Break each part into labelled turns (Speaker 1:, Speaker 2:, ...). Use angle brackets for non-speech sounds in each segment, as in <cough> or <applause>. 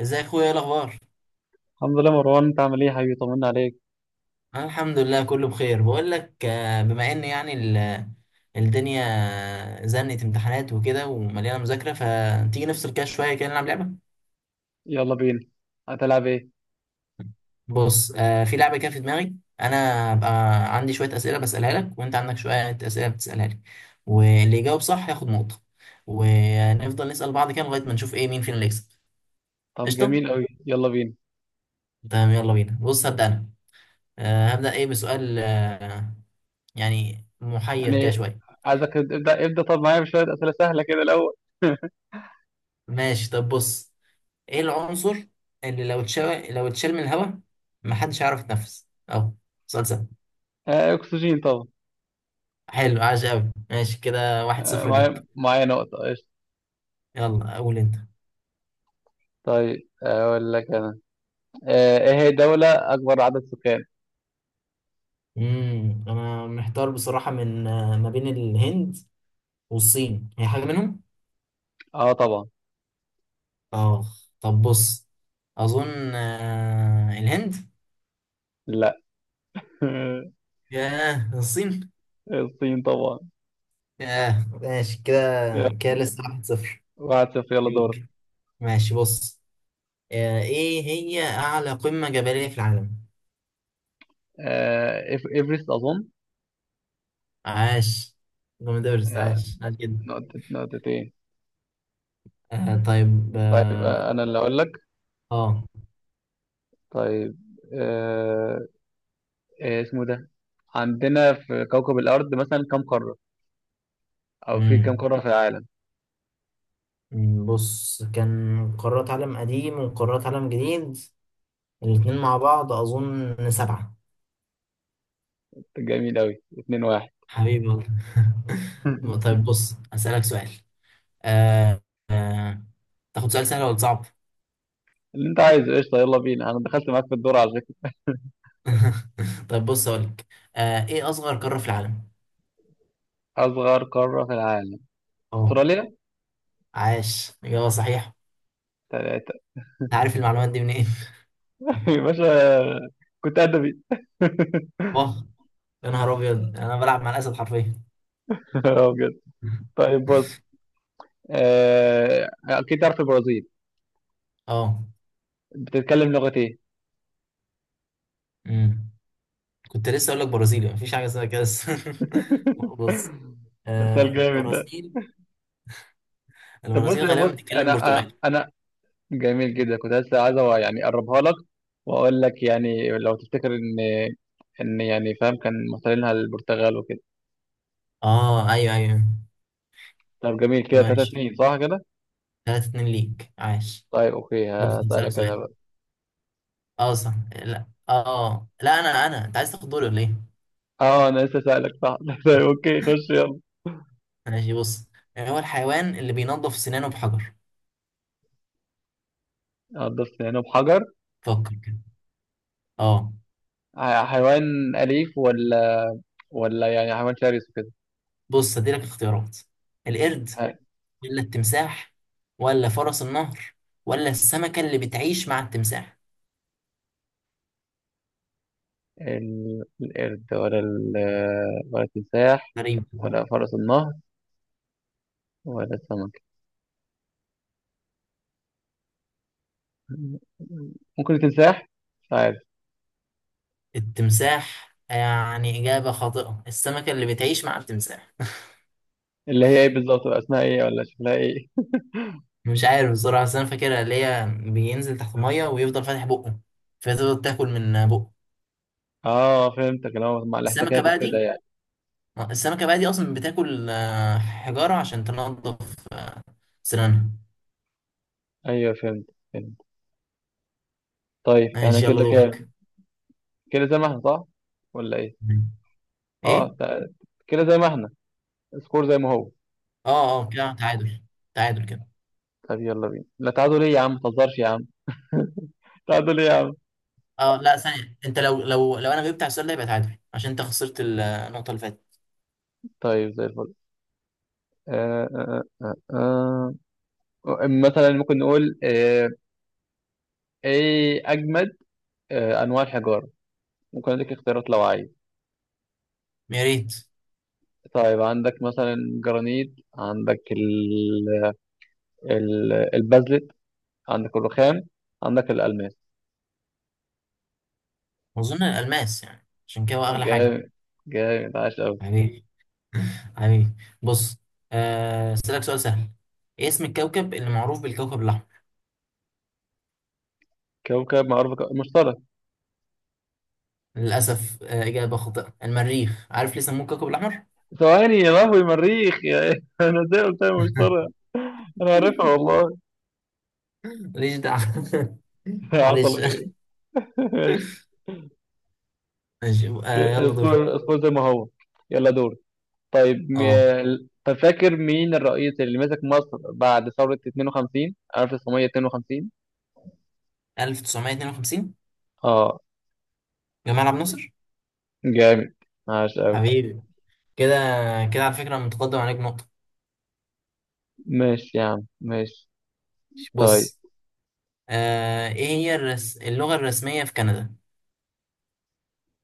Speaker 1: ازاي يا اخويا، ايه الاخبار؟
Speaker 2: الحمد لله مروان، انت عامل ايه يا حبيبي؟ طمنا عليك.
Speaker 1: انا الحمد لله كله بخير. بقول لك بما ان يعني الدنيا زنت امتحانات وكده ومليانه مذاكره، فتيجي نفصل كده شويه، كده نلعب لعبه.
Speaker 2: يلا بينا. هتلعب ايه؟
Speaker 1: بص، في لعبه كده في دماغي. انا هبقى عندي شويه اسئله بسالها لك، وانت عندك شويه اسئله بتسالها لي، واللي يجاوب صح ياخد نقطه. ونفضل نسال بعض كده لغايه ما نشوف ايه مين فينا اللي يكسب.
Speaker 2: طب
Speaker 1: قشطه.
Speaker 2: جميل قوي، يلا بينا.
Speaker 1: تمام يلا بينا، بص هبدا انا. هبدا ايه بسؤال يعني محير كده
Speaker 2: يعني
Speaker 1: شويه.
Speaker 2: عايزك ابدا ابدا، طب معايا بشويه اسئله سهله كده الاول. <laughs>
Speaker 1: ماشي، طب بص. ايه العنصر اللي لو اتشال، من الهواء محدش هيعرف يتنفس اهو؟ سؤال سهل.
Speaker 2: اكسجين طبعا.
Speaker 1: حلو، عاش قوي. ماشي كده، واحد
Speaker 2: آه
Speaker 1: صفر ليك.
Speaker 2: معايا معايا نقطه، قشطه.
Speaker 1: يلا قول انت.
Speaker 2: طيب اقول لك انا. ايه هي الدوله اكبر عدد سكان؟
Speaker 1: انا محتار بصراحة، من ما بين الهند والصين، هي حاجة منهم.
Speaker 2: اه طبعا.
Speaker 1: اه، طب بص، اظن الهند.
Speaker 2: لا. <laughs>
Speaker 1: ياه، الصين.
Speaker 2: الصين طبعا.
Speaker 1: ياه ماشي كده.
Speaker 2: يلا،
Speaker 1: كده لسه واحد صفر
Speaker 2: 1-0، يلا دور.
Speaker 1: ليك. ماشي بص، ايه هي اعلى قمة جبلية في العالم؟
Speaker 2: ايفرست اظن.
Speaker 1: عاش، جامد أوي، بس
Speaker 2: يا،
Speaker 1: عاش، عاش جدا.
Speaker 2: نقطه، نقطتين.
Speaker 1: آه طيب
Speaker 2: طيب
Speaker 1: اه
Speaker 2: انا اللي اقول لك.
Speaker 1: آه.
Speaker 2: طيب آه إيه اسمه ده؟ عندنا في كوكب الأرض مثلا كام قارة؟ أو في كام
Speaker 1: مم.
Speaker 2: قارة في العالم؟
Speaker 1: بص، كان قارات عالم قديم وقارات عالم جديد، الاتنين مع بعض أظن سبعة.
Speaker 2: جميل أوي، 2-1.
Speaker 1: حبيبي والله. <laughs>
Speaker 2: <laughs>
Speaker 1: طيب بص هسألك سؤال. آه آه. تاخد سؤال سهل ولا صعب؟
Speaker 2: اللي أنت عايزه قشطة، يلا بينا، أنا دخلت معاك في الدور على فكرة.
Speaker 1: <laughs> طيب بص أقولك، إيه أصغر قارة في العالم؟
Speaker 2: أصغر قارة في العالم؟
Speaker 1: أه.
Speaker 2: أستراليا.
Speaker 1: عاش، إجابة صحيحة.
Speaker 2: تلاتة.
Speaker 1: أنت عارف المعلومات دي منين؟
Speaker 2: <laughs> يا باشا، كنت أدبي. <laughs>
Speaker 1: <laughs> واه، يا نهار أبيض، أنا بلعب مع الأسد حرفيا.
Speaker 2: آه بجد؟ طيب بص، أكيد تعرف البرازيل.
Speaker 1: اه.
Speaker 2: بتتكلم لغة إيه؟
Speaker 1: امم كنت لسه اقول لك برازيلي، مفيش حاجه اسمها كده بس. <laughs> بص،
Speaker 2: <laughs> سؤال
Speaker 1: آه
Speaker 2: جامد ده.
Speaker 1: البرازيل
Speaker 2: طب بص
Speaker 1: البرازيل غالبا
Speaker 2: بص
Speaker 1: بتتكلم
Speaker 2: أنا
Speaker 1: برتغالي.
Speaker 2: أنا جميل جدا، كنت لسه عايز يعني اقربها لك، واقول لك يعني لو تفتكر ان يعني فاهم كان محتلينها البرتغال وكده.
Speaker 1: اه ايوه ايوه.
Speaker 2: طب جميل كده، 3
Speaker 1: ماشي،
Speaker 2: 2 صح كده.
Speaker 1: 3 2 ليك، عاش.
Speaker 2: طيب اوكي،
Speaker 1: بص هسألك
Speaker 2: هسألك انا
Speaker 1: سؤال.
Speaker 2: بقى.
Speaker 1: اه صح، لا اه لا، انا انا انت عايز تاخد دوري ولا ايه؟
Speaker 2: اه انا لسه سألك صح. <laughs> طيب اوكي، خش يلا.
Speaker 1: ماشي بص، يعني هو الحيوان اللي بينظف سنانه بحجر؟
Speaker 2: هتضيف هنا بحجر؟
Speaker 1: فكر كده. اه.
Speaker 2: حيوان اليف ولا يعني حيوان شرس وكده؟
Speaker 1: بص هديلك اختيارات، القرد،
Speaker 2: ح-
Speaker 1: ولا التمساح، ولا فرس النهر، ولا السمكة اللي بتعيش مع التمساح؟
Speaker 2: القرد ولا التمساح
Speaker 1: غريب.
Speaker 2: ولا فرس النهر ولا السمك. ممكن التمساح.
Speaker 1: التمساح يعني إجابة خاطئة، السمكة اللي بتعيش مع التمساح.
Speaker 2: اللي هي ايه بالظبط بقى، اسمها ايه ولا شكلها ايه؟
Speaker 1: <laughs> مش عارف بصراحة، بس أنا فاكرها اللي هي بينزل تحت المية ويفضل فاتح بقه، فتفضل تاكل من بقه.
Speaker 2: اه فهمتك، اللي هو مع
Speaker 1: السمكة
Speaker 2: الاحتكاك
Speaker 1: بقى
Speaker 2: وكده
Speaker 1: دي
Speaker 2: يعني.
Speaker 1: السمكة بقى دي أصلا بتاكل حجارة عشان تنضف سنانها.
Speaker 2: ايوه، فهمت فهمت. طيب احنا
Speaker 1: ماشي يلا
Speaker 2: كده كام؟
Speaker 1: دورك.
Speaker 2: كده زي ما احنا صح ولا ايه؟ اه،
Speaker 1: إيه؟
Speaker 2: كده زي ما احنا، سكور زي ما هو.
Speaker 1: أه أه كده تعادل، تعادل كده.
Speaker 2: طب يلا بينا، لا تعادل ايه يا عم؟ ما تهزرش يا عم، تعادل ايه يا عم؟
Speaker 1: أه لا ثانية، أنت لو أنا جبت على السؤال ده يبقى تعادل، عشان أنت خسرت النقطة اللي فاتت.
Speaker 2: طيب زي الفل. آه آه آه. مثلا ممكن نقول ايه اجمد انواع الحجاره. ممكن اديك اختيارات لو عايز.
Speaker 1: يا ريت.
Speaker 2: طيب عندك مثلا جرانيت، عندك البازلت، عندك الرخام، عندك الألماس.
Speaker 1: أظن الألماس، يعني عشان كده هو أغلى حاجة.
Speaker 2: جامد، جامد عاش أوي.
Speaker 1: يعني، حبيبي. بص، أسألك سؤال سهل، إيه اسم الكوكب اللي معروف بالكوكب الأحمر؟
Speaker 2: كوكب معروف مشترك.
Speaker 1: للأسف إجابة خاطئة، المريخ. عارف ليه سموه الكوكب الأحمر؟
Speaker 2: ثواني يا لهوي، مريخ يا إيه؟ <laughs> أنا إزاي قلت لها مشترك! أنا عارفها
Speaker 1: <laughs>
Speaker 2: والله.
Speaker 1: ماليش دعوة. <laughs>
Speaker 2: <laughs>
Speaker 1: معلش.
Speaker 2: حصل خير. <laughs> ماشي.
Speaker 1: ماشي، يلا دور.
Speaker 2: اذكر اذكر زي ما هو، يلا دور. طيب.
Speaker 1: اه،
Speaker 2: طب فاكر مين الرئيس اللي مسك مصر بعد ثورة 52 1952؟
Speaker 1: 1952.
Speaker 2: اه،
Speaker 1: جمال عبد الناصر.
Speaker 2: جامد عاش أوي.
Speaker 1: حبيبي. كده، كده على فكرة أنا متقدم عليك نقطة.
Speaker 2: ماشي يا عم ماشي. طيب،
Speaker 1: بص، إيه هي اللغة الرسمية في كندا؟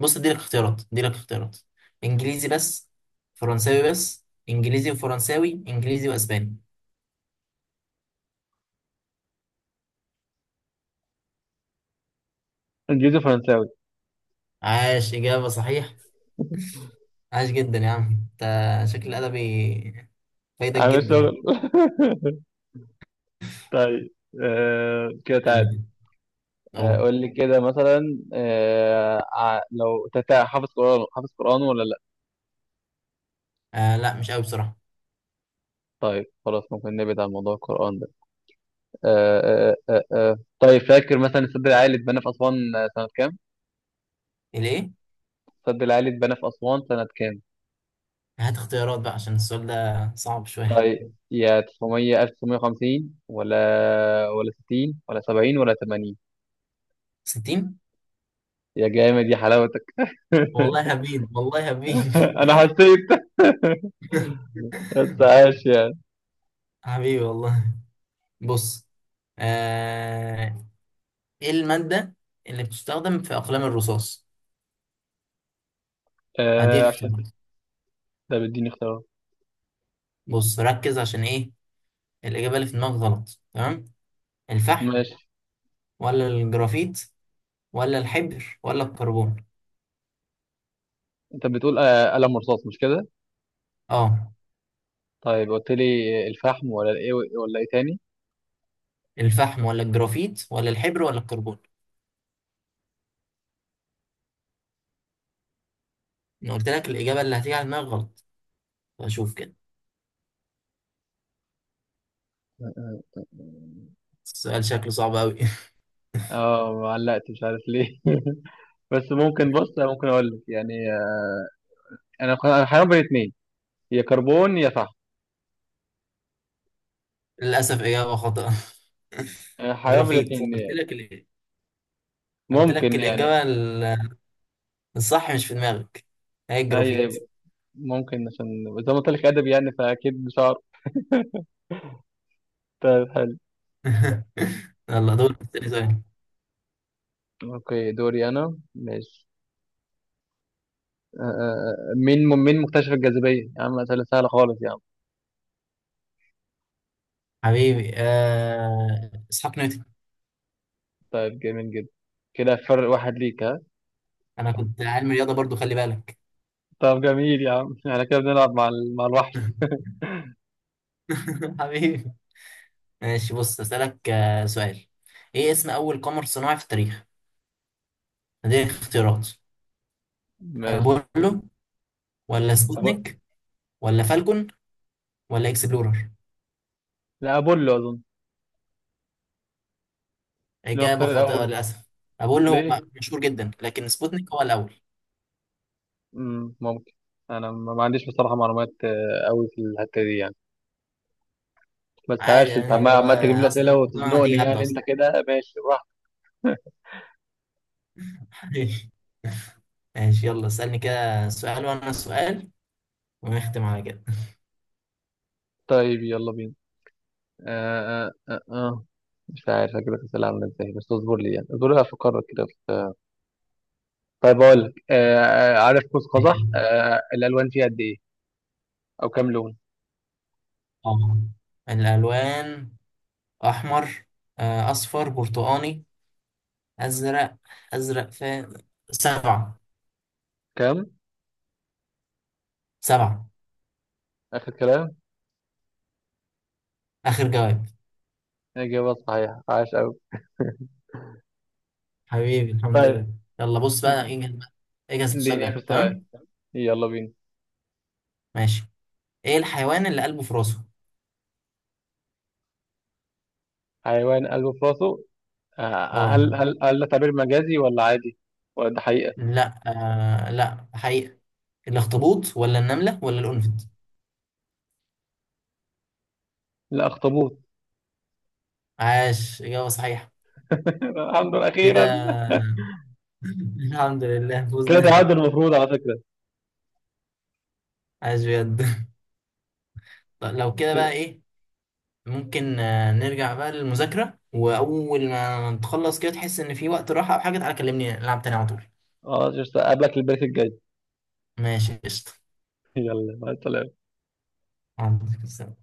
Speaker 1: بص اديلك اختيارات، انجليزي بس، فرنساوي بس، انجليزي وفرنساوي، انجليزي واسباني.
Speaker 2: انجليزي فرنساوي.
Speaker 1: عاش، اجابه صحيح. عاش جدا يا عم، انت شكل ادبي فايدك
Speaker 2: عامل
Speaker 1: جدا.
Speaker 2: شغل. <laughs> طيب كده
Speaker 1: استني
Speaker 2: تعالى.
Speaker 1: كده، اهو.
Speaker 2: قول لي كده مثلا آه ع- لو تتع حافظ قرآن ولا لا؟
Speaker 1: آه لا مش قوي بصراحه.
Speaker 2: طيب خلاص، ممكن نبعد عن موضوع القرآن ده. آه طيب فاكر مثلا السد العالي اتبنى في أسوان سنة كام؟
Speaker 1: الايه؟
Speaker 2: السد العالي اتبنى في أسوان سنة كام؟
Speaker 1: هات اختيارات بقى عشان السؤال ده صعب شويه.
Speaker 2: طيب، يا 900 1950 ولا 60 ولا 70 ولا 80؟
Speaker 1: 60.
Speaker 2: يا جامد يا حلاوتك!
Speaker 1: والله
Speaker 2: <laughs>
Speaker 1: هبين، والله هبين.
Speaker 2: انا حسيت. <laughs> بس
Speaker 1: <laughs>
Speaker 2: عاش يعني.
Speaker 1: حبيبي والله. بص، آه، ايه المادة اللي بتستخدم في أقلام الرصاص؟ هديك
Speaker 2: عشان
Speaker 1: اختيارات.
Speaker 2: ده بيديني اختيارات.
Speaker 1: بص ركز، عشان ايه الإجابة اللي في دماغك غلط. تمام، الفحم،
Speaker 2: ماشي.
Speaker 1: ولا الجرافيت، ولا الحبر، ولا الكربون؟
Speaker 2: انت بتقول قلم رصاص مش كده؟
Speaker 1: اه،
Speaker 2: طيب قلت لي الفحم ولا ايه ولا ايه تاني.
Speaker 1: الفحم ولا الجرافيت ولا الحبر ولا الكربون، انا قلت لك الإجابة اللي هتيجي على دماغك غلط، فشوف كده.
Speaker 2: <laughs>
Speaker 1: السؤال شكله صعب قوي.
Speaker 2: اه، ما علقت، مش عارف ليه. <laughs> بس ممكن، بص، ممكن اقول لك يعني انا حيران بين اتنين، يا كربون يا فحم.
Speaker 1: <laughs> للأسف إجابة خاطئة.
Speaker 2: انا
Speaker 1: <laughs>
Speaker 2: حيران بين
Speaker 1: جرافيت،
Speaker 2: الاتنين يعني. <laughs>
Speaker 1: قلت لك
Speaker 2: ممكن يعني.
Speaker 1: الصح مش في دماغك، هي الجرافيت.
Speaker 2: اي. ممكن عشان زي ما قلت لك ادب يعني، فاكيد مش هعرف. طيب حلو.
Speaker 1: <laughs> يلا دور تاني سؤال.
Speaker 2: اوكي دوري انا، ماشي. مين مكتشف الجاذبيه يا عم؟ اسئله سهله خالص يا عم.
Speaker 1: حبيبي، إسحاق نيوتن.
Speaker 2: طيب جميل جدا. كده فرق واحد ليك، ها.
Speaker 1: انا كنت علم رياضه برضو، خلي بالك.
Speaker 2: طب جميل يا عم، احنا كده بنلعب مع الوحش.
Speaker 1: <laughs> حبيبي. ماشي بص، اسالك سؤال، ايه اسم اول قمر صناعي في التاريخ؟ هذه اختيارات،
Speaker 2: ماشي.
Speaker 1: ابولو، ولا
Speaker 2: <laughs> أبو...
Speaker 1: سبوتنيك، ولا فالكون، ولا اكسبلورر؟
Speaker 2: لا أبولو أظن. اللي هو
Speaker 1: اجابه
Speaker 2: اختار
Speaker 1: خاطئه
Speaker 2: الأول.
Speaker 1: للاسف. ابولو هو
Speaker 2: ليه؟
Speaker 1: مشهور جدا، لكن سبوتنيك هو الاول.
Speaker 2: مم. ممكن. أنا ما عنديش بصراحة معلومات أوي في الحتة دي يعني. بس
Speaker 1: عادي،
Speaker 2: عاش، أنت
Speaker 1: يعني
Speaker 2: عمال
Speaker 1: هو
Speaker 2: عمال تجيب لي أسئلة
Speaker 1: اصلا طلع،
Speaker 2: وتزنقني
Speaker 1: هتيجي هبدا
Speaker 2: يعني، أنت
Speaker 1: اصلا.
Speaker 2: كده ماشي براحتك.
Speaker 1: <laughs> حبيبي. ماشي يلا اسالني كده سؤال، وانا سؤال، ونختم على كده.
Speaker 2: طيب يلا بينا. آه آه آه آه. مش عارف أجيب لك أسئلة عاملة إزاي، بس اصبر لي يعني اصبر لي أفكر كده. طيب أقول لك عارف قوس قزح
Speaker 1: <laughs>
Speaker 2: الألوان فيه قد إيه؟ أو كام لون؟
Speaker 1: اه، الالوان، أحمر، أصفر، برتقاني، أزرق، أزرق فين، سبعة.
Speaker 2: كام؟
Speaker 1: سبعة.
Speaker 2: آخر كلام؟
Speaker 1: آخر جواب.
Speaker 2: إجابة صحيحة، عاش أوي.
Speaker 1: حبيبي، الحمد
Speaker 2: طيب،
Speaker 1: لله. يلا بص بقى، اجهز بقى، اجهز السؤال
Speaker 2: اديني اخر
Speaker 1: ده
Speaker 2: سؤال،
Speaker 1: تمام.
Speaker 2: يلا بينا.
Speaker 1: ماشي، ايه الحيوان اللي قلبه في راسه؟
Speaker 2: حيوان قلبه في راسه. هل
Speaker 1: اه.
Speaker 2: هل هل ده تعبير مجازي ولا عادي ولا ده حقيقة؟
Speaker 1: لا، لا حقيقة. الاخطبوط، ولا النملة، ولا القنفذ؟
Speaker 2: لا، اخطبوط.
Speaker 1: عاش، إجابة صحيحة.
Speaker 2: <laughs> الحمد لله اخيرا.
Speaker 1: كده. <laughs> الحمد لله
Speaker 2: كده
Speaker 1: فوزنا.
Speaker 2: تعادل المفروض على فكرة.
Speaker 1: عاش بجد. طب لو كده بقى
Speaker 2: كده.
Speaker 1: ايه، ممكن نرجع بقى للمذاكرة، وأول ما نتخلص كده تحس إن في وقت راحة أو حاجة تعالى كلمني نلعب تاني على طول.
Speaker 2: اه قبلك البريك الجاي.
Speaker 1: ماشي قشطة.
Speaker 2: <laughs> يلا مع السلامة.
Speaker 1: عندك السلامة.